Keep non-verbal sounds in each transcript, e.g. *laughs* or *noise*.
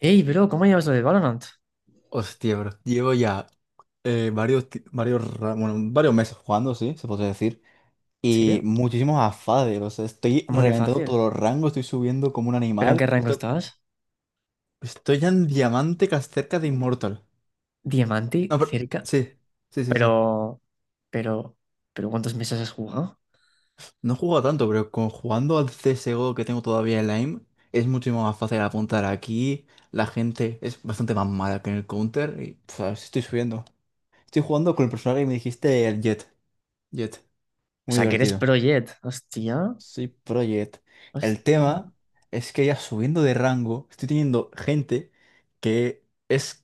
Ey, bro, ¿cómo llevas lo de Valorant? Hostia, bro. Llevo ya varios meses jugando, sí, se puede decir. Y Sí, muchísimos afades. O sea, estoy ¿cómo que reventando fácil? todos los rangos, estoy subiendo como un ¿Pero en qué animal. rango estabas? Estoy ya en diamante cerca de Immortal. Diamante, No, pero, cerca. sí, sí, sí. Pero, pero, pero ¿cuántos meses has jugado? No he jugado tanto, pero con, jugando al CSGO que tengo todavía en la aim, es muchísimo más fácil apuntar aquí. La gente es bastante más mala que en el counter. Y, pf, estoy subiendo. Estoy jugando con el personaje que me dijiste, el Jet. Jet. O Muy sea, que eres divertido. pro Jet. Hostia, Sí, Project. El hostia. tema es que ya subiendo de rango, estoy teniendo gente que es,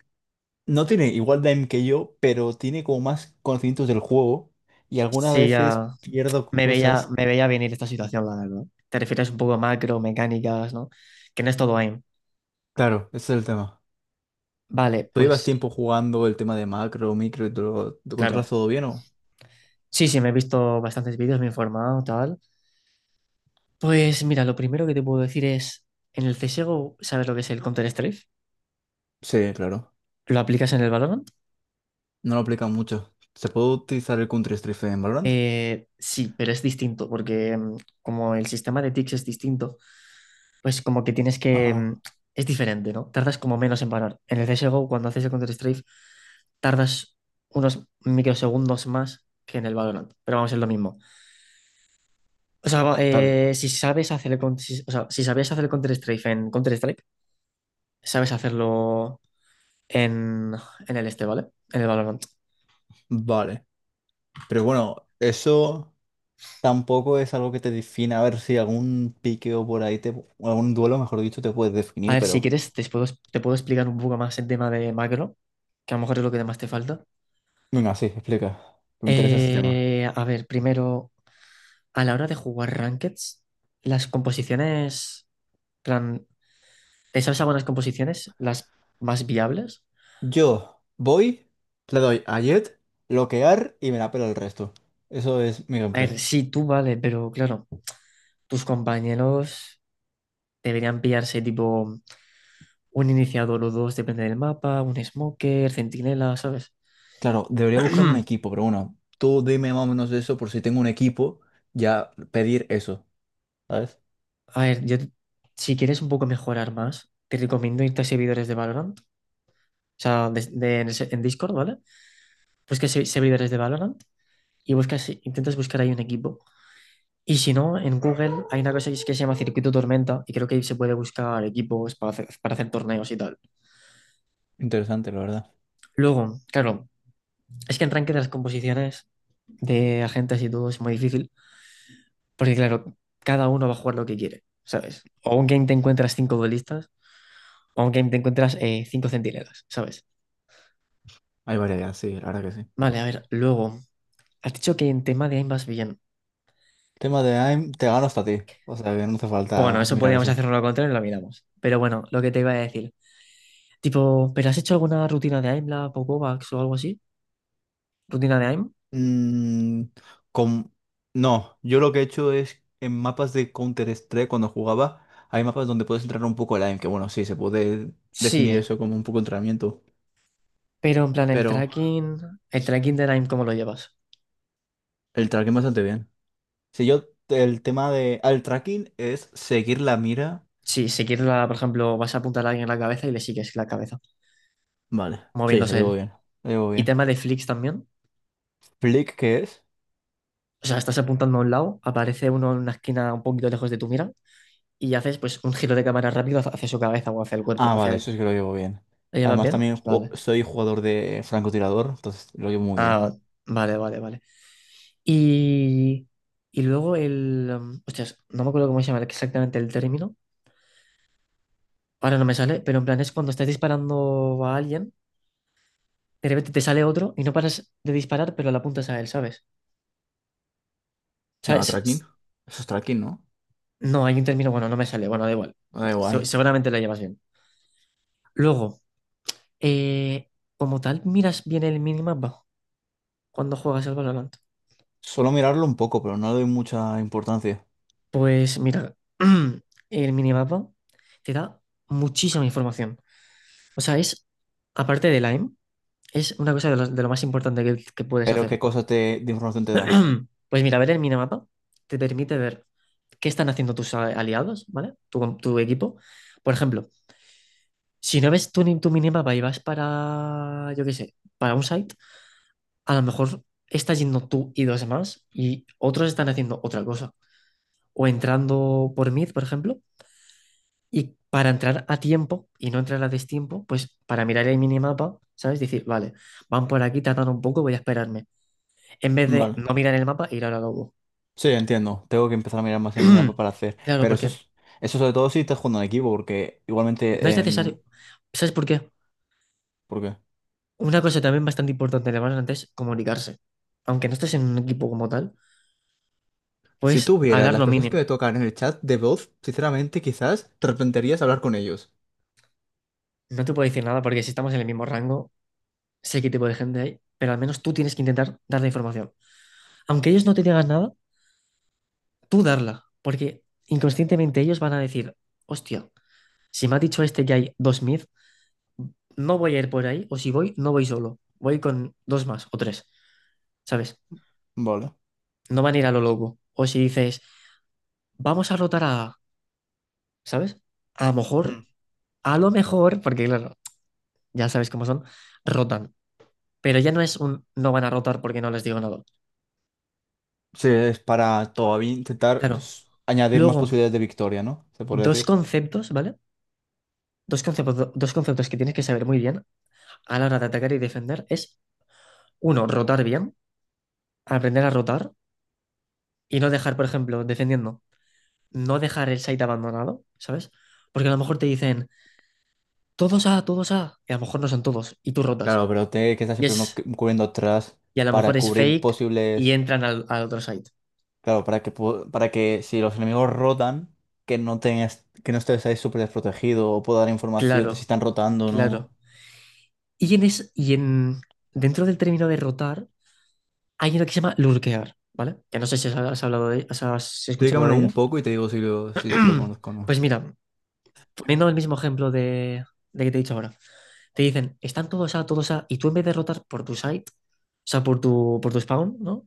no tiene igual de aim que yo, pero tiene como más conocimientos del juego y algunas Sí, veces ya pierdo me veía, cosas. me veía venir esta situación, la verdad. Te refieres un poco a macro, mecánicas, ¿no? Que no es todo aim. Claro, ese es el tema. Vale, ¿Tú llevas pues, tiempo jugando el tema de macro, micro y todo? ¿Lo controlas claro. todo bien o? Sí, sí, me he visto bastantes vídeos, me he informado, tal. Pues mira, lo primero que te puedo decir es, en el CSGO, ¿sabes lo que es el Counter-Strike? Sí, claro. ¿Lo aplicas en el Valorant? No lo aplican mucho. ¿Se puede utilizar el Counter-Strike en Valorant? Sí, pero es distinto, porque como el sistema de ticks es distinto, pues como que tienes que. Ajá. Es diferente, ¿no? Tardas como menos en parar. En el CSGO, cuando haces el Counter-Strike, tardas unos microsegundos más que en el Valorant, pero vamos, es lo mismo. O sea, Está bien. Si sabes hacer si sabías hacer el Counter-Strike en Counter-Strike, sabes hacerlo en, en el este, ¿vale? En el Valorant. Vale. Pero bueno, eso. Tampoco es algo que te defina. A ver si algún piqueo por ahí, te, o algún duelo, mejor dicho, te puedes A definir, ver, si pero... quieres, te puedo explicar un poco más el tema de macro, que a lo mejor es lo que más te falta. Venga, sí, explica. Me interesa este tema. A ver, primero, a la hora de jugar Rankeds, las composiciones, plan, ¿te sabes algunas composiciones, las más viables? Yo voy, le doy a Jet, bloquear y me la pela el resto. Eso es mi A ver, gameplay. sí, tú vale, pero claro, tus compañeros deberían pillarse tipo un iniciador o dos, depende del mapa, un smoker, centinela, ¿sabes? Claro, debería buscarme un equipo, *clears throat* pero bueno, tú dime más o menos eso por si tengo un equipo, ya pedir eso, ¿sabes? A ver, yo, si quieres un poco mejorar más, te recomiendo irte a servidores de Valorant. O sea, en Discord, ¿vale? Buscas servidores líderes de Valorant y buscas, intentas buscar ahí un equipo. Y si no, en Google hay una cosa que se llama circuito tormenta y creo que ahí se puede buscar equipos para hacer, torneos y tal. Interesante, la verdad. Luego, claro, es que en ranking de las composiciones de agentes y todo es muy difícil porque, claro, cada uno va a jugar lo que quiere, ¿sabes? O un game te encuentras cinco duelistas o un game te encuentras cinco centinelas, ¿sabes? Hay variedad, sí, la verdad que sí. Vale, a ver, luego, has dicho que en tema de aim vas bien. Tema de AIM, te gano hasta a ti. O sea que no hace Bueno, falta eso mirar podríamos eso. hacerlo lo contrario y lo miramos. Pero bueno, lo que te iba a decir. Tipo, ¿pero has hecho alguna rutina de AIM, la Popovax o algo así? ¿Rutina de AIM? Mm, con... No, yo lo que he hecho es en mapas de Counter-Strike cuando jugaba, hay mapas donde puedes entrar un poco online, que bueno, sí, se puede Sí, definir eso como un poco entrenamiento, pero en plan el pero tracking, el tracking del AIM, ¿cómo lo llevas? el tracking bastante bien. Si yo, el tema de... al tracking es seguir la mira. Sí, si quieres, por ejemplo, vas a apuntar a alguien en la cabeza y le sigues la cabeza, Vale, sí, lo moviéndose llevo él. bien, lo llevo Y bien. tema de flicks también. Flick, ¿qué es? O sea, estás apuntando a un lado, aparece uno en una esquina un poquito lejos de tu mira y haces pues un giro de cámara rápido hacia su cabeza o hacia el Ah, cuerpo, hacia vale, él. eso sí que lo llevo bien. ¿Lo llevas Además bien? también Vale. soy jugador de francotirador, entonces lo llevo muy bien. Ah, vale, vale, vale. Y, y luego hostias, no me acuerdo cómo se llama exactamente el término. Ahora no me sale, pero en plan es cuando estás disparando a alguien, de repente te sale otro y no paras de disparar, pero la apuntas a él, ¿sabes? O ¿Se sea, llama tracking? Eso es tracking, ¿no? no, hay un término, bueno, no me sale, bueno, da igual. Da Se- igual. seguramente lo llevas bien. Luego, eh, como tal, miras bien el minimapa cuando juegas el Valorant. Solo mirarlo un poco, pero no le doy mucha importancia. Pues mira, *clears throat* el minimapa te da muchísima información. O sea, es, aparte del aim. Es una cosa de lo más importante que puedes Pero ¿qué hacer. cosa te, de información te da? *clears throat* Pues mira, ver el minimapa te permite ver qué están haciendo tus aliados, ¿vale? Tu equipo. Por ejemplo, si no ves tu, ni- tu minimapa y vas para, yo qué sé, para un site, a lo mejor estás yendo tú y dos más y otros están haciendo otra cosa. O entrando por mid, por ejemplo, y para entrar a tiempo y no entrar a destiempo, pues para mirar el minimapa, ¿sabes? Decir, vale, van por aquí, tratan un poco, voy a esperarme, en vez de Vale. no mirar el mapa e ir a la lobo. Sí, entiendo. Tengo que empezar a mirar más el mapa *clears throat* para hacer. Claro, Pero eso porque es, eso sobre todo si estás jugando en equipo, porque no es igualmente necesario. en... ¿Sabes por qué? ¿Por qué? Una cosa también bastante importante de Valorant es comunicarse. Aunque no estés en un equipo como tal, Si puedes tú vieras hablar las lo personas que mínimo. me tocan en el chat de voz, sinceramente quizás te arrepentirías de hablar con ellos. No te puedo decir nada porque si estamos en el mismo rango, sé qué tipo de gente hay, pero al menos tú tienes que intentar dar la información. Aunque ellos no te digan nada, tú darla, porque inconscientemente ellos van a decir, hostia, si me ha dicho este que hay dos mid, no voy a ir por ahí, o si voy, no voy solo, voy con dos más o tres, ¿sabes? Vale. No van a ir a lo loco. O si dices, vamos a rotar a, ¿sabes? A lo mejor, Mm. Porque claro, ya sabes cómo son, rotan. Pero ya no es un no van a rotar porque no les digo nada. Sí, es para todavía intentar Claro. Añadir más Luego, posibilidades de victoria, ¿no? Se podría dos decir. conceptos, ¿vale? Dos conceptos que tienes que saber muy bien a la hora de atacar y defender es, uno, rotar bien, aprender a rotar y no dejar, por ejemplo, defendiendo, no dejar el site abandonado, ¿sabes? Porque a lo mejor te dicen, todos A, todos A, y a lo mejor no son todos, y tú rotas. Claro, pero te que estar Y siempre uno es, cubriendo atrás y a lo mejor para es cubrir fake y posibles... entran al otro site. Claro, para que, para que si los enemigos rotan, que no tengas, que no estés ahí súper desprotegido o pueda dar información de si Claro, están rotando o no. claro. Y en dentro del término de rotar hay uno que se llama lurkear, ¿vale? Que no sé si has escuchado Explícamelo de un ello. poco y te digo si lo, si lo *clears throat* conozco o no. Pues mira, poniendo el mismo ejemplo de que te he dicho ahora. Te dicen, están todos A, todos A, y tú en vez de rotar por tu site, o sea, por tu spawn, ¿no?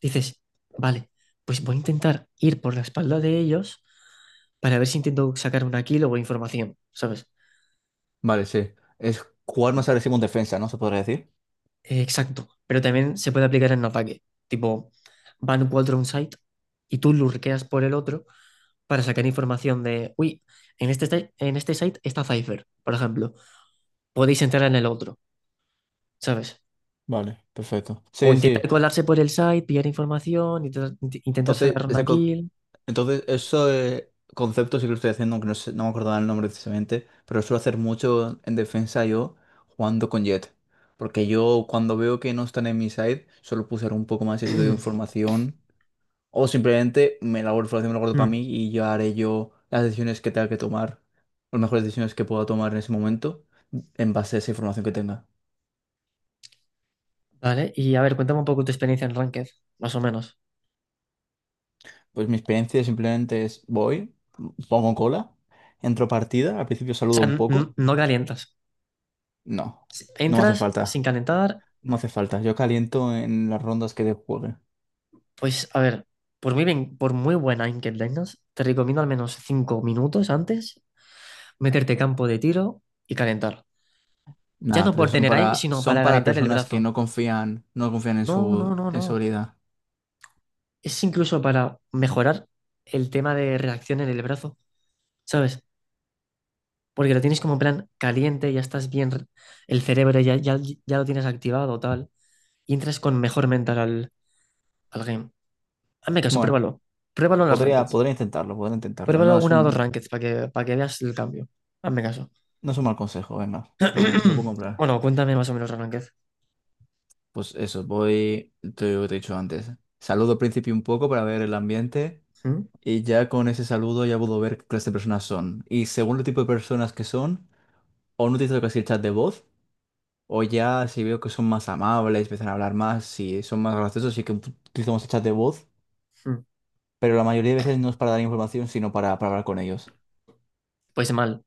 Dices, vale, pues voy a intentar ir por la espalda de ellos para ver si intento sacar una kill o información, ¿sabes? Vale, sí. Es jugar más agresivo en defensa, ¿no? ¿Se podría decir? Exacto, pero también se puede aplicar en ataque. Tipo, van cuatro a un site y tú lurqueas por el otro para sacar información de, uy, en este site está Cypher, por ejemplo. Podéis entrar en el otro, ¿sabes? Vale, perfecto. O Sí, sí. intentar colarse por el site, pillar información, intentar Entonces, sacar una ese co- kill. entonces eso concepto sí que lo estoy haciendo, aunque no me acordaba el nombre precisamente, pero suelo hacer mucho en defensa yo jugando con Jet. Porque yo cuando veo que no están en mi side, solo puedo usar un poco más y así doy *clears throat* información. O simplemente me la guardo para Hmm. mí y yo haré yo las decisiones que tenga que tomar, las mejores decisiones que pueda tomar en ese momento, en base a esa información que tenga. Vale, y a ver, cuéntame un poco tu experiencia en Ranked, más o menos. Pues mi experiencia simplemente es voy, pongo cola, entro partida, al principio O sea, saludo un poco. no calientas. No, no me hace Entras sin falta. calentar. No me hace falta. Yo caliento en las rondas que de juegue. Pues a ver, por muy bien, por muy buena aim que tengas, te recomiendo al menos 5 minutos antes meterte campo de tiro y calentar. Ya Nada, no pero por son tener aim, para, sino son para para calentar el personas que brazo. no confían, no confían No, no, no, en su no. habilidad. Es incluso para mejorar el tema de reacción en el brazo, ¿sabes? Porque lo tienes como en plan caliente, ya estás bien, el cerebro ya lo tienes activado, tal, y entras con mejor mental al game. Hazme caso, Bueno, pruébalo. Pruébalo en las podría, rankeds. podría intentarlo, podría intentarlo. Pruébalo No es una o dos un, rankeds para que veas el cambio. Hazme caso. no es un mal consejo, venga, te lo puedo *clears throat* comprar. Bueno, cuéntame más o menos, Arranquez. Pues eso, voy, te lo he dicho antes. Saludo al principio un poco para ver el ambiente ¿Mm? y ya con ese saludo ya puedo ver qué clase de personas son. Y según el tipo de personas que son, o no utilizo casi el chat de voz, o ya si veo que son más amables, empiezan a hablar más, si son más graciosos, sí que utilizamos el chat de voz, ¿Mm? pero la mayoría de veces no es para dar información, sino para hablar con ellos. Pues mal.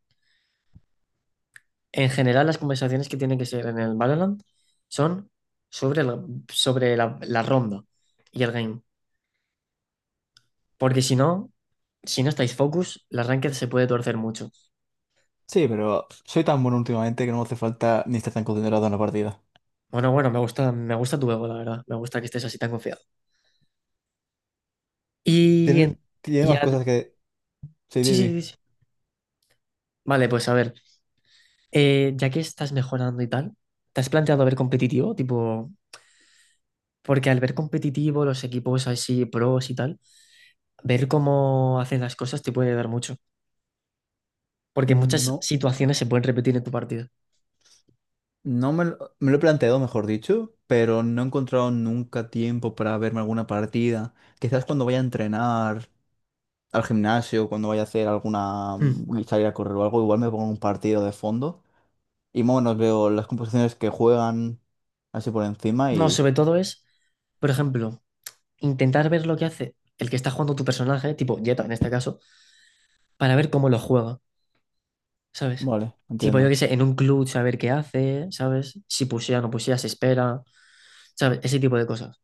En general, las conversaciones que tienen que ser en el Valorant son sobre la ronda y el game. Porque si no, estáis focus, la Ranked se puede torcer mucho. Sí, pero soy tan bueno últimamente que no me hace falta ni estar tan concentrado en la partida. Bueno, bueno, me gusta tu ego, la verdad. Me gusta que estés así tan confiado. Y, en- Tiene, tiene y más al- cosas que... Sí, sí, Didi. sí, sí, sí. Vale, pues a ver. Ya que estás mejorando y tal, ¿te has planteado ver competitivo? Tipo, porque al ver competitivo, los equipos así, pros y tal. Ver cómo hacen las cosas te puede dar mucho, porque muchas No, situaciones se pueden repetir en tu partida. no me lo, me lo he planteado, mejor dicho, pero no he encontrado nunca tiempo para verme alguna partida. Quizás cuando vaya a entrenar al gimnasio, cuando vaya a hacer alguna Mm. Salir a correr o algo, igual me pongo un partido de fondo y más o menos veo las composiciones que juegan así por encima No, y sobre todo es, por ejemplo, intentar ver lo que hace el que está jugando tu personaje, tipo Jetta en este caso, para ver cómo lo juega, ¿sabes? vale, Tipo, yo qué entiendo. sé, en un club saber qué hace, ¿sabes? Si pusea, no pusea, se espera, ¿sabes? Ese tipo de cosas.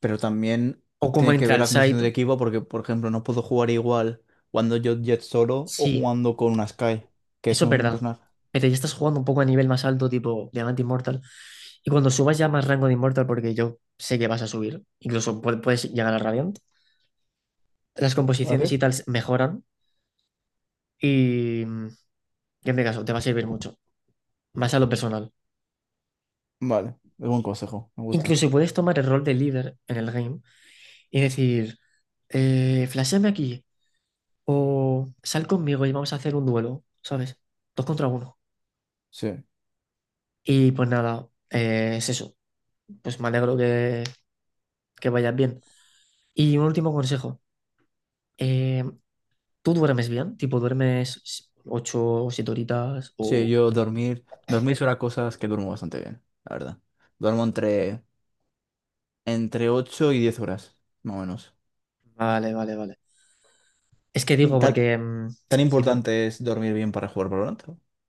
Pero también O cómo tiene que entra ver al la composición site. del equipo porque, por ejemplo, no puedo jugar igual cuando yo Jet solo o Sí, jugando con una Sky, que es eso es un verdad. personaje. Pero ya estás jugando un poco a nivel más alto, tipo Diamante Immortal. Y cuando subas ya más rango de Immortal, porque yo sé que vas a subir, incluso puedes llegar a Radiant, las composiciones y tal mejoran y, mm, y en mi caso te va a servir mucho, más a lo personal. Vale, es buen consejo, me gusta. Incluso si puedes tomar el rol de líder en el game y decir, flashéame aquí o sal conmigo y vamos a hacer un duelo, ¿sabes? Dos contra uno. Sí. Y pues nada, es eso. Pues me alegro que vayas bien. Y un último consejo. Eh, ¿Tú duermes bien? Tipo, ¿duermes 8 o 7 horitas? Sí, O... yo dormir, dormir son las cosas que duermo bastante bien, la verdad. Duermo entre, entre 8 y 10 horas, más o menos. Vale, vale, vale. Es que Y digo, ¿Tan, porque tan si duer- importante es dormir bien para jugar Valorant?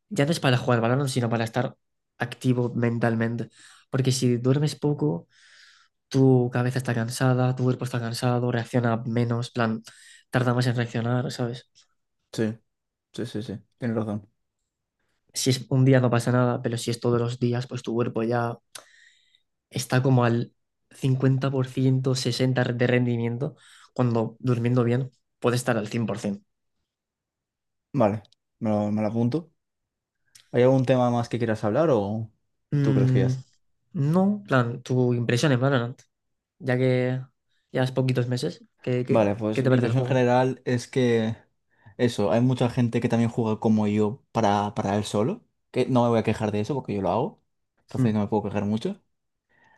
ya no es para jugar balón, sino para estar activo mentalmente. Porque si duermes poco, tu cabeza está cansada, tu cuerpo está cansado, reacciona menos, plan, tarda más en reaccionar, ¿sabes? Sí, sí, sí, tienes razón. Si es un día no pasa nada, pero si es todos los días, pues tu cuerpo ya está como al 50%, 60% de rendimiento, cuando durmiendo bien puede estar al 100%. Vale, me lo apunto. ¿Hay algún tema más que quieras hablar o tú crees que ya? Mm, no, plan, tu impresión en Valorant, ya que llevas poquitos meses, ¿qué, qué- Vale, qué pues te mi parece el impresión juego? general es que eso, hay mucha gente que también juega como yo para él solo, que no me voy a quejar de eso porque yo lo hago, entonces Mm. no me puedo quejar mucho.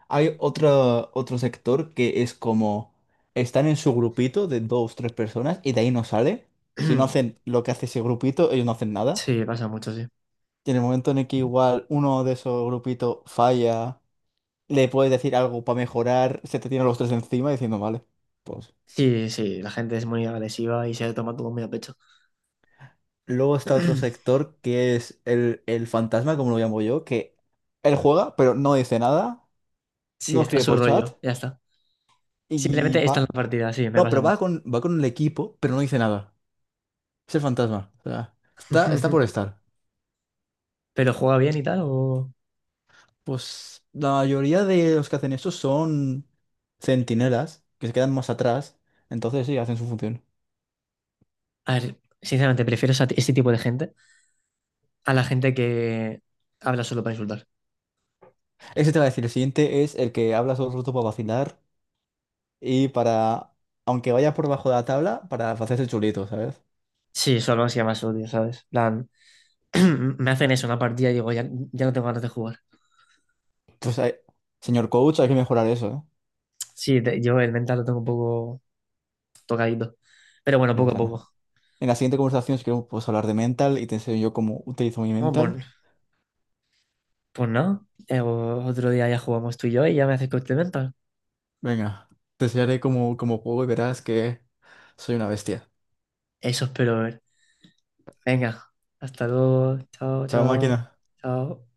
Hay otro, otro sector que es como están en su grupito de dos, tres personas y de ahí no sale. Si no hacen *clears throat* lo que hace ese grupito, ellos no hacen nada. Sí, pasa mucho, sí. Y en el momento en el que igual uno de esos grupitos falla, le puedes decir algo para mejorar, se te tienen los tres encima diciendo, vale, pues Sí, sí, la gente es muy agresiva y se toma todo muy a pecho. luego está otro *clears throat* sector que es el fantasma, como lo llamo yo, que él juega, pero no dice nada, Sí, no está escribe su por chat rollo, ya está. y Simplemente está en va. la partida, sí, me No, pasa pero mucho. Va con el equipo, pero no dice nada. Es el fantasma. O sea, está, está por *laughs* estar. ¿Pero juega bien y tal? O... Pues la mayoría de los que hacen eso son centinelas, que se quedan más atrás. Entonces sí, hacen su función. A ver, sinceramente, prefiero ese tipo de gente a la gente que habla solo para insultar. Ese te va a decir, el siguiente es el que habla todo el rato para vacilar y para, aunque vaya por bajo de la tabla, para hacerse el chulito, ¿sabes? Sí, solo así más odio, ¿sabes? *clears throat* me hacen eso, una partida y digo, ya, ya no tengo ganas de jugar. Pues, hay- señor coach, hay que mejorar eso, ¿eh? Sí, yo el mental lo tengo un poco tocadito. Pero bueno, No poco a pasa nada. poco. En la siguiente conversación, si queremos, podemos hablar de mental y te enseño yo cómo utilizo mi No, mental. pues no. Otro día ya jugamos tú y yo y ya me haces coste mental. Venga, te enseñaré cómo, cómo juego y verás que soy una bestia. Eso espero ver. Venga, hasta luego. Chao, Chao, máquina. chao, chao.